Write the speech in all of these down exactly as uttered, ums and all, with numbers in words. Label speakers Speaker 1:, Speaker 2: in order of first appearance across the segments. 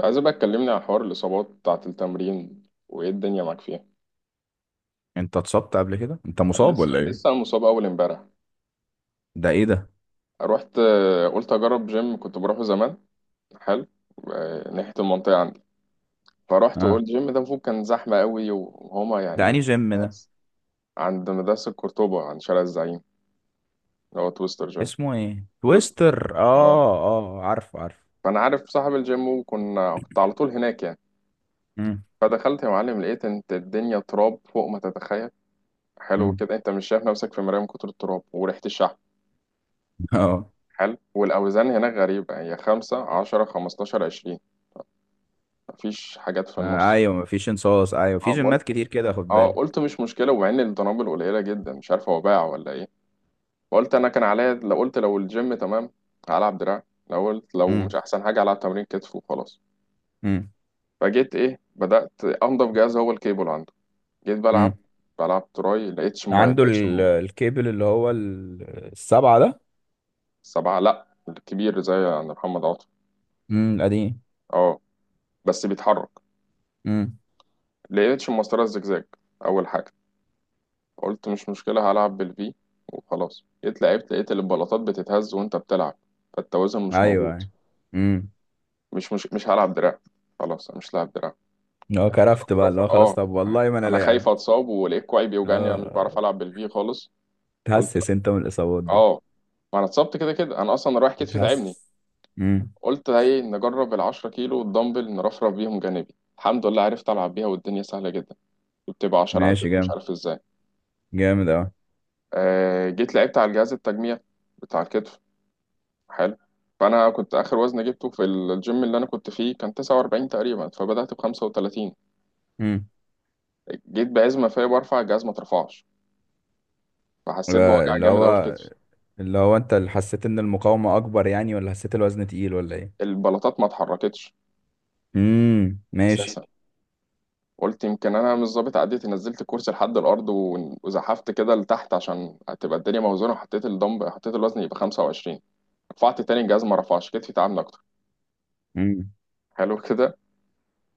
Speaker 1: عايز بقى تكلمني عن حوار الإصابات بتاعة التمرين وإيه الدنيا معاك فيها؟
Speaker 2: انت اتصبت قبل كده، انت
Speaker 1: أنا
Speaker 2: مصاب
Speaker 1: لسه
Speaker 2: ولا
Speaker 1: لسه
Speaker 2: ايه؟
Speaker 1: أنا مصاب أول إمبارح.
Speaker 2: ده ايه ده؟
Speaker 1: رحت آه، قلت أجرب جيم كنت بروحه زمان. حلو. آه، ناحية المنطقة عندي. فرحت وقلت
Speaker 2: اه.
Speaker 1: الجيم ده المفروض كان زحمة قوي وهما
Speaker 2: ده
Speaker 1: يعني
Speaker 2: انهي جيم ده؟
Speaker 1: ناس. عند مدرسة قرطبة، عند شارع الزعيم، اللي هو تويستر جيم.
Speaker 2: اسمه ايه؟
Speaker 1: تويستر،
Speaker 2: تويستر،
Speaker 1: اه.
Speaker 2: اه، اه، عارفه، عارفه.
Speaker 1: فأنا عارف صاحب الجيم، وكنا كنت على طول هناك يعني.
Speaker 2: امم.
Speaker 1: فدخلت يا معلم، لقيت انت الدنيا تراب فوق ما تتخيل. حلو
Speaker 2: امم.
Speaker 1: كده، انت مش شايف نفسك في مراية من كتر التراب وريحة الشحم.
Speaker 2: اه.
Speaker 1: حلو، والأوزان هناك غريبة، هي خمسة عشرة خمستاشر عشرين. مفيش حاجات في
Speaker 2: آه،
Speaker 1: النص.
Speaker 2: ايوه، مفيش انصاص، ايوه، في
Speaker 1: اه
Speaker 2: جيمات
Speaker 1: قلت
Speaker 2: كتير كده، خد
Speaker 1: اه
Speaker 2: بالك.
Speaker 1: قلت مش مشكلة، ومع إن الدنابل قليلة جدا مش عارف هو باع ولا إيه. وقلت أنا كان عليا، لو قلت لو الجيم تمام هلعب دراع. لو قلت لو مش
Speaker 2: امم.
Speaker 1: أحسن حاجة هلعب تمرين كتف وخلاص.
Speaker 2: امم.
Speaker 1: فجيت إيه بدأت أنضف جهاز، هو الكيبل عنده. جيت بلعب.
Speaker 2: امم.
Speaker 1: بلعب تراي، لقيتش ما
Speaker 2: عنده
Speaker 1: لقيتش
Speaker 2: ال-
Speaker 1: م-
Speaker 2: الكيبل اللي هو ال- السبعة ده.
Speaker 1: سبعة لأ، الكبير زي عند محمد عاطف.
Speaker 2: امم. القديم.
Speaker 1: اه، بس بيتحرك.
Speaker 2: امم.
Speaker 1: لقيتش المسطرة الزجزاج أول حاجة. قلت مش مشكلة، هلعب بالفي وخلاص. جيت لعبت، لقيت البلاطات بتتهز وانت بتلعب، فالتوازن مش
Speaker 2: ايوه،
Speaker 1: موجود.
Speaker 2: ايوه. امم.
Speaker 1: مش مش مش هلعب دراع. خلاص أنا مش لاعب دراع.
Speaker 2: هو
Speaker 1: لعبت
Speaker 2: كرفت بقى اللي
Speaker 1: رفرفة،
Speaker 2: هو خلاص،
Speaker 1: اه.
Speaker 2: طب والله ما انا
Speaker 1: انا
Speaker 2: لاعب.
Speaker 1: خايف اتصاب، ولقيت كوعي بيوجعني، انا مش بعرف
Speaker 2: اه.
Speaker 1: العب بالفي خالص. قلت لا.
Speaker 2: تحسس انت من الاصابات دي؟
Speaker 1: اه، ما انا اتصبت كده كده، انا اصلا رايح كتفي تعبني.
Speaker 2: بتحسس. امم.
Speaker 1: قلت ايه نجرب ال 10 كيلو والدمبل نرفرف بيهم جانبي. الحمد لله عرفت العب بيها، والدنيا سهله جدا. بتبقى 10
Speaker 2: ماشي.
Speaker 1: عدات مش
Speaker 2: جامد،
Speaker 1: عارف ازاي.
Speaker 2: جامد اوي.
Speaker 1: آه جيت لعبت على الجهاز التجميع بتاع الكتف. حلو. فانا كنت اخر وزن جبته في الجيم اللي انا كنت فيه كان تسعة وأربعين تقريبا، فبدات ب بخمسة وثلاثين.
Speaker 2: امم.
Speaker 1: جيت بعزمه فيا برفع الجهاز ما اترفعش، فحسيت
Speaker 2: يبقى
Speaker 1: بوجع
Speaker 2: اللي
Speaker 1: جامد قوي في
Speaker 2: هو
Speaker 1: كتفي.
Speaker 2: اللي هو انت اللي حسيت ان المقاومة اكبر يعني، ولا حسيت الوزن تقيل، ولا ايه؟
Speaker 1: البلاطات ما اتحركتش
Speaker 2: امم. ماشي.
Speaker 1: اساسا. قلت يمكن انا مش ظابط عديتي. نزلت الكرسي لحد الارض ون- وزحفت كده لتحت عشان تبقى الدنيا موزونه، وحطيت الدمب حطيت الوزن يبقى خمسة وعشرين. رفعت تاني الجهاز ما رفعش، كتفي تعبني اكتر.
Speaker 2: امم.
Speaker 1: حلو كده.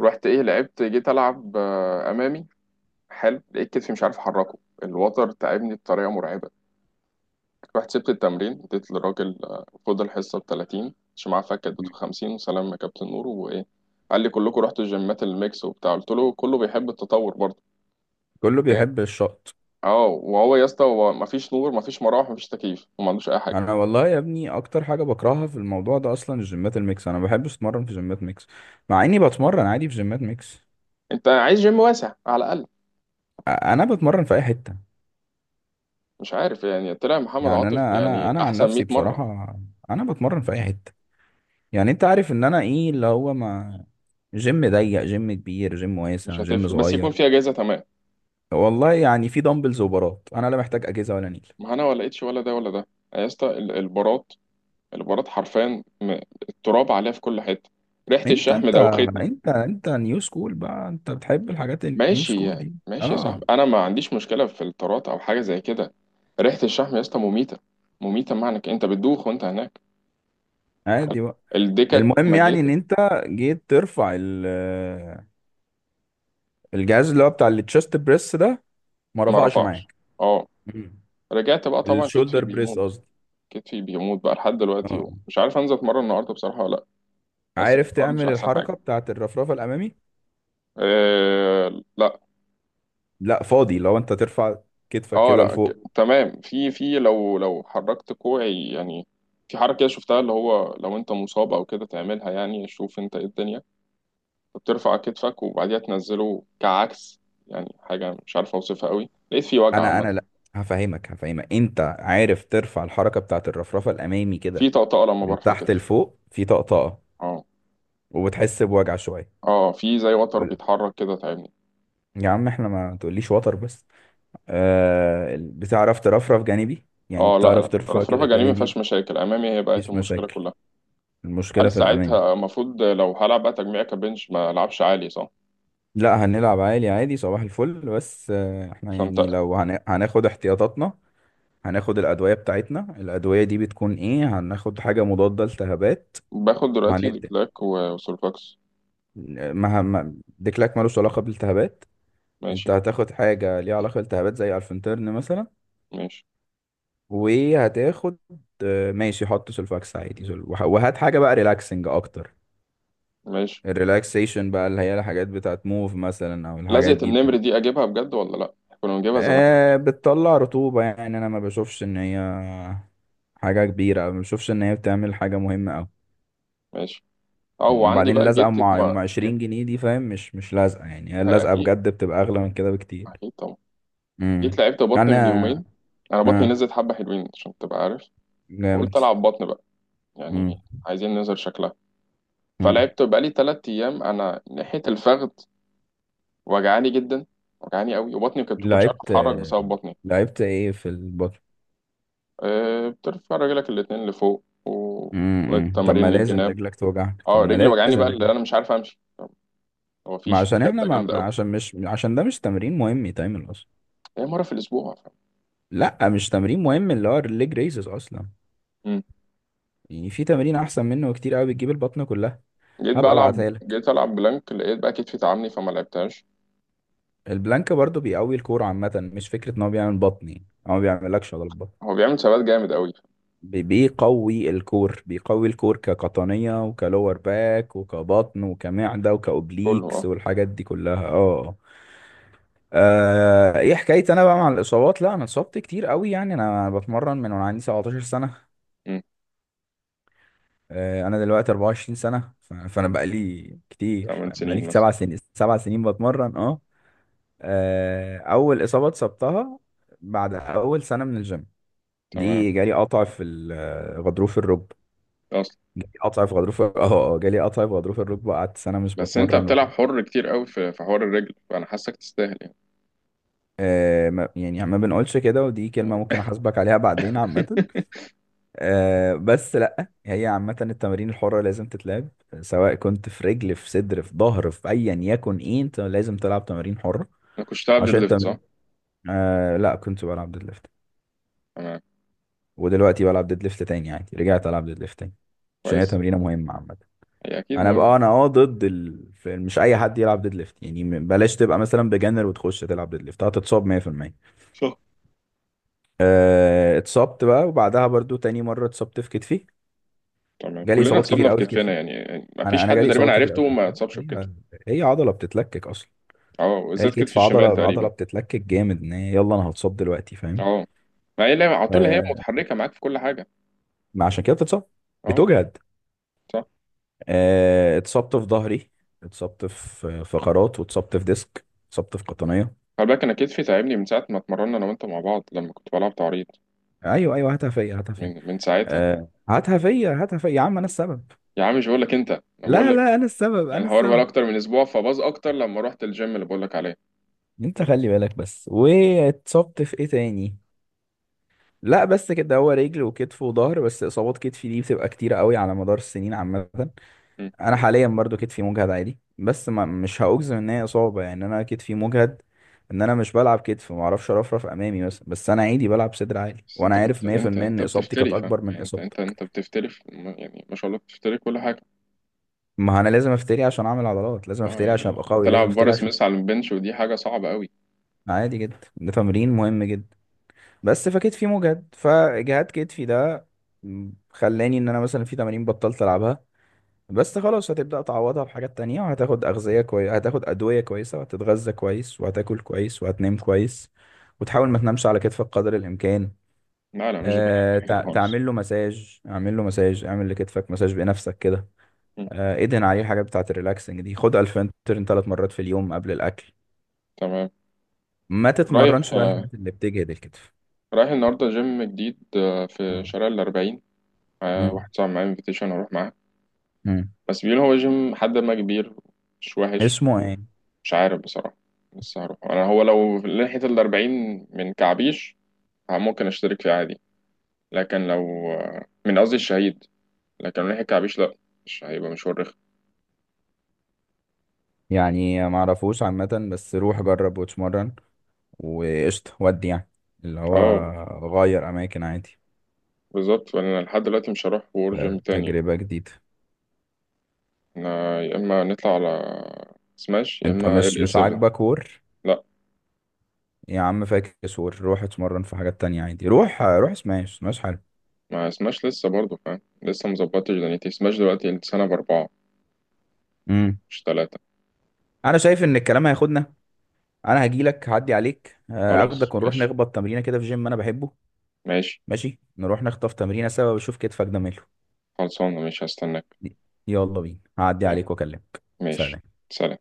Speaker 1: رحت ايه لعبت جيت العب آه، امامي. حلو، لقيت كتفي مش عارف احركه، الوتر تعبني بطريقه مرعبه. رحت سبت التمرين، اديت للراجل آه، خد الحصة بتلاتين، مش معاه فك، اديته خمسين، وسلام يا كابتن نور. وإيه، قال لي كلكم رحتوا الجيمات الميكس وبتاع، قلت له كله بيحب التطور برضه.
Speaker 2: كله
Speaker 1: وإيه،
Speaker 2: بيحب الشط.
Speaker 1: اه. وهو يا اسطى، هو مفيش نور، مفيش مراوح، مفيش تكييف، وما عندوش أي حاجة.
Speaker 2: انا والله يا ابني اكتر حاجة بكرهها في الموضوع ده اصلا الجيمات الميكس، انا ما بحبش اتمرن في جيمات ميكس، مع اني بتمرن عادي في جيمات ميكس.
Speaker 1: أنت عايز جيم واسع على الأقل.
Speaker 2: أ- انا بتمرن في اي حتة.
Speaker 1: مش عارف يعني، طلع محمد
Speaker 2: يعني
Speaker 1: عاطف
Speaker 2: انا انا
Speaker 1: يعني
Speaker 2: انا عن
Speaker 1: أحسن 100
Speaker 2: نفسي
Speaker 1: مرة.
Speaker 2: بصراحة، انا بتمرن في اي حتة. يعني انت عارف ان انا ايه اللي هو ما، جيم ضيق، جيم كبير، جيم
Speaker 1: مش
Speaker 2: واسع، جيم
Speaker 1: هتفرق، بس يكون
Speaker 2: صغير.
Speaker 1: في أجهزة تمام.
Speaker 2: والله يعني في دمبلز وبارات، انا لا محتاج اجهزه ولا نيل.
Speaker 1: ما أنا ولا لقيتش، ولا ده ولا ده. يا اسطى ال- البارات، البارات حرفيا م- التراب عليها في كل حتة. ريحة
Speaker 2: انت
Speaker 1: الشحم
Speaker 2: انت
Speaker 1: دوختني.
Speaker 2: انت انت نيو سكول بقى، انت بتحب الحاجات النيو
Speaker 1: ماشي
Speaker 2: سكول
Speaker 1: يعني،
Speaker 2: دي.
Speaker 1: ماشي يا
Speaker 2: اه.
Speaker 1: صاحبي، انا ما عنديش مشكله في الطارات او حاجه زي كده. ريحه الشحم يا اسطى مميته. مميته، معنى إنك انت بتدوخ وانت هناك. حلو.
Speaker 2: عادي بقى.
Speaker 1: الدكك
Speaker 2: المهم يعني ان
Speaker 1: ميته.
Speaker 2: انت جيت ترفع ال- الجهاز اللي هو بتاع التشست بريس ده، ما
Speaker 1: ما
Speaker 2: رفعش
Speaker 1: رفعش،
Speaker 2: معاك.
Speaker 1: اه.
Speaker 2: مم.
Speaker 1: رجعت بقى طبعا، كتفي
Speaker 2: الشولدر بريس
Speaker 1: بيموت.
Speaker 2: قصدي.
Speaker 1: كتفي بيموت بقى لحد دلوقتي،
Speaker 2: اه.
Speaker 1: ومش عارف انزل اتمرن النهارده بصراحه ولا لا. بس يعني
Speaker 2: عارف
Speaker 1: الحوار مش
Speaker 2: تعمل
Speaker 1: احسن حاجه.
Speaker 2: الحركه بتاعت الرفرفه الامامي؟
Speaker 1: أه لا.
Speaker 2: لا فاضي لو انت ترفع كتفك
Speaker 1: اه
Speaker 2: كده
Speaker 1: لا، ك-
Speaker 2: لفوق.
Speaker 1: تمام، في في لو لو حركت كوعي يعني، في حركه شفتها، اللي هو لو انت مصاب او كده تعملها يعني. شوف انت ايه الدنيا، بترفع كتفك وبعديها تنزله كعكس. يعني حاجة مش عارف أوصفها قوي، لقيت في وجع
Speaker 2: انا
Speaker 1: عامة.
Speaker 2: انا لا، هفهمك، هفهمك، انت عارف ترفع الحركه بتاعت الرفرفه الامامي
Speaker 1: في
Speaker 2: كده،
Speaker 1: طقطقة لما
Speaker 2: من
Speaker 1: برفع
Speaker 2: تحت
Speaker 1: كتفي.
Speaker 2: لفوق في طقطقة،
Speaker 1: اه،
Speaker 2: وبتحس بوجع شوية.
Speaker 1: اه. في زي وتر
Speaker 2: وال-
Speaker 1: بيتحرك كده تعبني.
Speaker 2: يا عم احنا ما تقوليش وتر بس. آه ال- بتعرف ترفرف جانبي؟ يعني
Speaker 1: اه لا،
Speaker 2: بتعرف
Speaker 1: لا،
Speaker 2: ترفع
Speaker 1: الرفرفة
Speaker 2: كده
Speaker 1: الجانبي ما
Speaker 2: جانبي؟
Speaker 1: فيهاش مشاكل، أمامي هي بقت
Speaker 2: مفيش
Speaker 1: المشكلة
Speaker 2: مشاكل،
Speaker 1: كلها.
Speaker 2: المشكلة
Speaker 1: هل
Speaker 2: في الأمامي.
Speaker 1: ساعتها المفروض لو هلعب بقى تجميع كبنش ما ألعبش عالي صح؟
Speaker 2: لا، هنلعب عالي عادي صباح الفل. بس آه احنا
Speaker 1: عشان
Speaker 2: يعني
Speaker 1: تقل.
Speaker 2: لو هن... هناخد احتياطاتنا. هناخد الأدوية بتاعتنا. الأدوية دي بتكون ايه؟ هناخد حاجة مضادة لالتهابات.
Speaker 1: باخد دلوقتي
Speaker 2: وهندي.
Speaker 1: ديكلاك و- وسولفاكس.
Speaker 2: ما ما- ديكلاك ملوش علاقة بالالتهابات. انت
Speaker 1: ماشي،
Speaker 2: هتاخد حاجة ليها علاقة بالالتهابات زي الفنترن مثلا.
Speaker 1: ماشي،
Speaker 2: وهتاخد، آه، ماشي، حط سلفاكس عادي. سل- وه- وهات حاجة بقى ريلاكسنج أكتر.
Speaker 1: ماشي.
Speaker 2: الريلاكسيشن بقى اللي هي الحاجات بتاعت موف مثلا، أو الحاجات
Speaker 1: لزقة
Speaker 2: دي بت...
Speaker 1: النمر دي أجيبها بجد ولا لأ؟ كنا بنجيبها زمان.
Speaker 2: آه، بتطلع رطوبة يعني، أنا ما بشوفش إن هي حاجة كبيرة، أو ما بشوفش إن هي بتعمل حاجة مهمة أوي.
Speaker 1: ماشي. اه، وعندي
Speaker 2: وبعدين
Speaker 1: بقى
Speaker 2: اللزقة
Speaker 1: جيت
Speaker 2: مع
Speaker 1: ما
Speaker 2: مع
Speaker 1: جيت.
Speaker 2: عشرين جنيه دي فاهم، مش مش لازقة يعني. هي
Speaker 1: هي
Speaker 2: اللزقة
Speaker 1: أكيد.
Speaker 2: بجد بتبقى أغلى من كده بكتير.
Speaker 1: أكيد طبعا. جيت
Speaker 2: امم.
Speaker 1: لعبت بطن
Speaker 2: أنا.
Speaker 1: من يومين. انا بطني
Speaker 2: آه.
Speaker 1: نزلت حبه حلوين عشان تبقى عارف.
Speaker 2: جامد.
Speaker 1: فقلت العب بطن بقى يعني.
Speaker 2: امم.
Speaker 1: عايزين ننزل شكلها.
Speaker 2: امم.
Speaker 1: فلعبت بقالي تلات ايام، انا ناحيه الفخذ وجعاني جدا، وجعاني قوي، وبطني كنت كنتش عارف
Speaker 2: لعبت.
Speaker 1: اتحرك بسبب بطني.
Speaker 2: لعبت إيه في البطل؟
Speaker 1: أه، بترفع رجلك الاتنين لفوق، وشويه
Speaker 2: امم. طب
Speaker 1: تمارين
Speaker 2: ما لازم
Speaker 1: للجناب.
Speaker 2: رجلك توجعك. طب
Speaker 1: اه، رجلي
Speaker 2: ما
Speaker 1: وجعاني
Speaker 2: لازم
Speaker 1: بقى اللي
Speaker 2: رجلك.
Speaker 1: انا مش عارف امشي. هو
Speaker 2: ما
Speaker 1: فيش في
Speaker 2: عشان احنا
Speaker 1: شده
Speaker 2: ما
Speaker 1: جامده
Speaker 2: ما
Speaker 1: قوي.
Speaker 2: عشان مش عشان ده مش تمرين مهم يتعمل اصلا.
Speaker 1: هي مره في الاسبوع فاهم؟
Speaker 2: لا، مش تمرين مهم اللي هو الليج ريزز اصلا.
Speaker 1: مم.
Speaker 2: يعني في تمرين احسن منه كتير قوي، بتجيب البطن كلها.
Speaker 1: جيت بقى
Speaker 2: هبقى
Speaker 1: العب
Speaker 2: ابعتها لك.
Speaker 1: جيت العب بلانك، لقيت بقى كتفي تعبني، فما لعبتهاش.
Speaker 2: البلانك برضو بيقوي الكور عامه، مش فكره ان هو بيعمل بطن يعني، هو ما بيعملكش عضلة بطن.
Speaker 1: هو بيعمل ثبات جامد قوي.
Speaker 2: بي- بيقوي الكور، بيقوي الكور كقطنيه وكلور باك وكبطن وكمعده
Speaker 1: كله،
Speaker 2: وكاوبليكس
Speaker 1: اه.
Speaker 2: والحاجات دي كلها. اه. آه، ايه حكايتي انا بقى مع الاصابات؟ لا، انا اتصبت كتير قوي. يعني انا بتمرن من وانا عندي سبعة عشر سنه. آه، انا دلوقتي اربعة وعشرين سنه، ف- فانا بقى لي كتير،
Speaker 1: 8
Speaker 2: بقى لي
Speaker 1: سنين مثلا.
Speaker 2: سبع سنين، سبع سنين بتمرن. اه. آه، اول اصابه اتصبتها بعد اول سنه من الجيم،
Speaker 1: تمام.
Speaker 2: دي جالي قطع في ال- غضروف الركبه.
Speaker 1: اصلا.
Speaker 2: جالي قطع في غضروف. اه. اه جالي قطع في غضروف الركبه، قعدت سنه مش
Speaker 1: بس انت
Speaker 2: بتمرن
Speaker 1: بتلعب
Speaker 2: وكده.
Speaker 1: حر كتير قوي في في حوار الرجل، فانا حاسك تستاهل يعني.
Speaker 2: آه، ما- يعني ما بنقولش كده، ودي كلمه ممكن احاسبك عليها بعدين عامه. آه بس لا، هي عامة التمارين الحرة لازم تتلعب، سواء كنت في رجل، في صدر، في ظهر، في ايا يكن ايه، انت لازم تلعب تمارين حرة
Speaker 1: انا كنت بتلعب ديد
Speaker 2: عشان
Speaker 1: ليفت
Speaker 2: التمرين.
Speaker 1: صح.
Speaker 2: آه لا، كنت بلعب ديد ليفت،
Speaker 1: تمام.
Speaker 2: ودلوقتي بلعب ديد ليفت تاني عادي، رجعت العب ديد ليفت تاني عشان هي
Speaker 1: كويس.
Speaker 2: تمرينة مهمة عامة.
Speaker 1: هي اكيد
Speaker 2: انا بقى انا
Speaker 1: مهم.
Speaker 2: اه، ضد ال... في- مش اي حد يلعب ديد ليفت يعني، م- بلاش تبقى مثلا بجنر وتخش تلعب ديد ليفت، هتتصاب مية في المية.
Speaker 1: صح.
Speaker 2: آه اتصبت بقى، وبعدها برضو تاني مرة اتصبت في كتفي.
Speaker 1: تمام،
Speaker 2: جالي
Speaker 1: كلنا
Speaker 2: اصابات كتير
Speaker 1: اتصابنا في
Speaker 2: قوي في
Speaker 1: كتفنا
Speaker 2: كتفي،
Speaker 1: يعني، يعني ما
Speaker 2: انا
Speaker 1: فيش
Speaker 2: انا
Speaker 1: حد
Speaker 2: جالي
Speaker 1: تقريبا
Speaker 2: اصابات كتير قوي.
Speaker 1: عرفته ما اتصابش في كتفه.
Speaker 2: هي هي عضله بتتلكك اصلا.
Speaker 1: اه،
Speaker 2: هي
Speaker 1: وبالذات كتف
Speaker 2: الكتف
Speaker 1: الشمال
Speaker 2: عضله عضله
Speaker 1: تقريبا.
Speaker 2: بتتلكك جامد، ان هي يلا انا هتصاب دلوقتي فاهم.
Speaker 1: اه. ما هي لعبة- على طول هي
Speaker 2: آه.
Speaker 1: متحركه معاك في كل حاجه.
Speaker 2: ما عشان كده بتتصاب،
Speaker 1: اه.
Speaker 2: بتجهد.
Speaker 1: صح.
Speaker 2: آه. اتصبت في ظهري، اتصبت في فقرات، واتصبت في ديسك، اتصبت في قطنيه.
Speaker 1: خلي بالك انا كتفي تعبني من ساعه ما اتمرنا انا وانت مع بعض، لما كنت بلعب تعريض.
Speaker 2: ايوه، ايوه، هاتها فيا، هاتها فيا.
Speaker 1: من من ساعتها.
Speaker 2: آه، هاتها فيا، هاتها فيا يا عم، انا السبب.
Speaker 1: يا عم مش بقول لك، انت انا
Speaker 2: لا
Speaker 1: بقول.
Speaker 2: لا، انا السبب،
Speaker 1: يعني
Speaker 2: انا
Speaker 1: الحوار بقى
Speaker 2: السبب.
Speaker 1: اكتر من اسبوع، فباظ اكتر لما رحت الجيم اللي بقول لك عليه.
Speaker 2: انت خلي بالك بس. واتصبت في ايه تاني؟ لا بس كده، هو رجل وكتف وظهر بس. اصابات كتفي دي بتبقى كتيره قوي على مدار السنين عامه.
Speaker 1: مم.
Speaker 2: انا حاليا برضو كتفي مجهد عادي، بس ما مش هاجزم ان هي اصابه يعني، انا كتفي مجهد، ان انا مش بلعب كتف ما اعرفش ارفرف امامي مثلا. بس انا عادي بلعب صدر عالي،
Speaker 1: بس
Speaker 2: وانا
Speaker 1: انت
Speaker 2: عارف
Speaker 1: كنت انت
Speaker 2: مية في المية ان
Speaker 1: انت
Speaker 2: اصابتي كانت
Speaker 1: بتفتري فاهم،
Speaker 2: اكبر من
Speaker 1: يعني انت انت
Speaker 2: اصابتك.
Speaker 1: انت بتفتري في- م- يعني ما شاء الله، بتفتري كل حاجه.
Speaker 2: ما انا لازم افتري عشان اعمل عضلات، لازم
Speaker 1: اه،
Speaker 2: افتري عشان ابقى
Speaker 1: يعني
Speaker 2: قوي، لازم
Speaker 1: تلعب
Speaker 2: افتري
Speaker 1: بارس
Speaker 2: عشان.
Speaker 1: مس على البنش ودي حاجه صعبه قوي.
Speaker 2: عادي جدا، ده تمرين مهم جدا. بس فكتفي مجهد، فاجهاد كتفي ده خلاني ان انا مثلا في تمارين بطلت العبها. بس خلاص، هتبدأ تعوضها بحاجات تانية، وهتاخد أغذية كويسة، هتاخد أدوية كويسة، وهتتغذى كويس، وهتاكل كويس، وهتنام كويس، وتحاول ما تنامش على كتفك قدر الإمكان.
Speaker 1: لا، لا، مش بنعمل
Speaker 2: أه،
Speaker 1: الحاجات دي
Speaker 2: تع-
Speaker 1: خالص.
Speaker 2: تعمل له مساج، اعمل له مساج، اعمل لكتفك مساج بنفسك كده.
Speaker 1: مم.
Speaker 2: أه، ادهن عليه الحاجات بتاعة الريلاكسنج دي، خد الفنترين ثلاث مرات في اليوم قبل الأكل.
Speaker 1: تمام.
Speaker 2: ما
Speaker 1: رايح
Speaker 2: تتمرنش بقى
Speaker 1: آه،
Speaker 2: الحاجات اللي بتجهد الكتف.
Speaker 1: رايح النهارده جيم جديد آه، في
Speaker 2: مم.
Speaker 1: شارع الأربعين. آه،
Speaker 2: مم.
Speaker 1: واحد صاحبي معايا انفيتيشن اروح معاه.
Speaker 2: مم.
Speaker 1: بس بيقول هو جيم حد ما كبير، مش وحش.
Speaker 2: اسمه ايه؟
Speaker 1: مش عارف بصراحه، لسه هروح انا. هو لو لحقت الأربعين من كعبيش اه ممكن اشترك فيه عادي. لكن لو، من قصدي الشهيد، لكن لو ناحية كعبيش لا، مش هيبقى مشوار رخم.
Speaker 2: يعني ما اعرفوش عامة، بس روح جرب واتمرن، وقشطة. ودي يعني اللي هو
Speaker 1: اه،
Speaker 2: غير أماكن عادي.
Speaker 1: بالظبط. فانا لحد دلوقتي مش هروح وور جيم
Speaker 2: ت-
Speaker 1: تاني.
Speaker 2: تجربة جديدة.
Speaker 1: انا يا اما نطلع على سماش، يا
Speaker 2: أنت
Speaker 1: اما ال
Speaker 2: مش
Speaker 1: اي
Speaker 2: مش
Speaker 1: سفن.
Speaker 2: عاجبك وور؟
Speaker 1: لا،
Speaker 2: يا عم فاكس وور، روح اتمرن في حاجات تانية عادي، روح روح سماش. سماش حلو.
Speaker 1: ما سماش لسه برضه فاهم، لسه مظبطتش دنيتي. سماش دلوقتي السنة بأربعة
Speaker 2: امم.
Speaker 1: مش تلاتة.
Speaker 2: أنا شايف إن الكلام هياخدنا. أنا هجيلك، هعدي عليك، آه،
Speaker 1: خلاص
Speaker 2: أخدك ونروح
Speaker 1: ماشي.
Speaker 2: نخبط تمرينة كده في جيم أنا بحبه.
Speaker 1: ماشي.
Speaker 2: ماشي، نروح نخطف تمرينة سوا، وشوف كتفك ده ماله.
Speaker 1: خلصانة مش هستناك.
Speaker 2: يلا بينا، هعدي
Speaker 1: يلا،
Speaker 2: عليك وأكلمك.
Speaker 1: ماشي.
Speaker 2: سلام.
Speaker 1: سلام.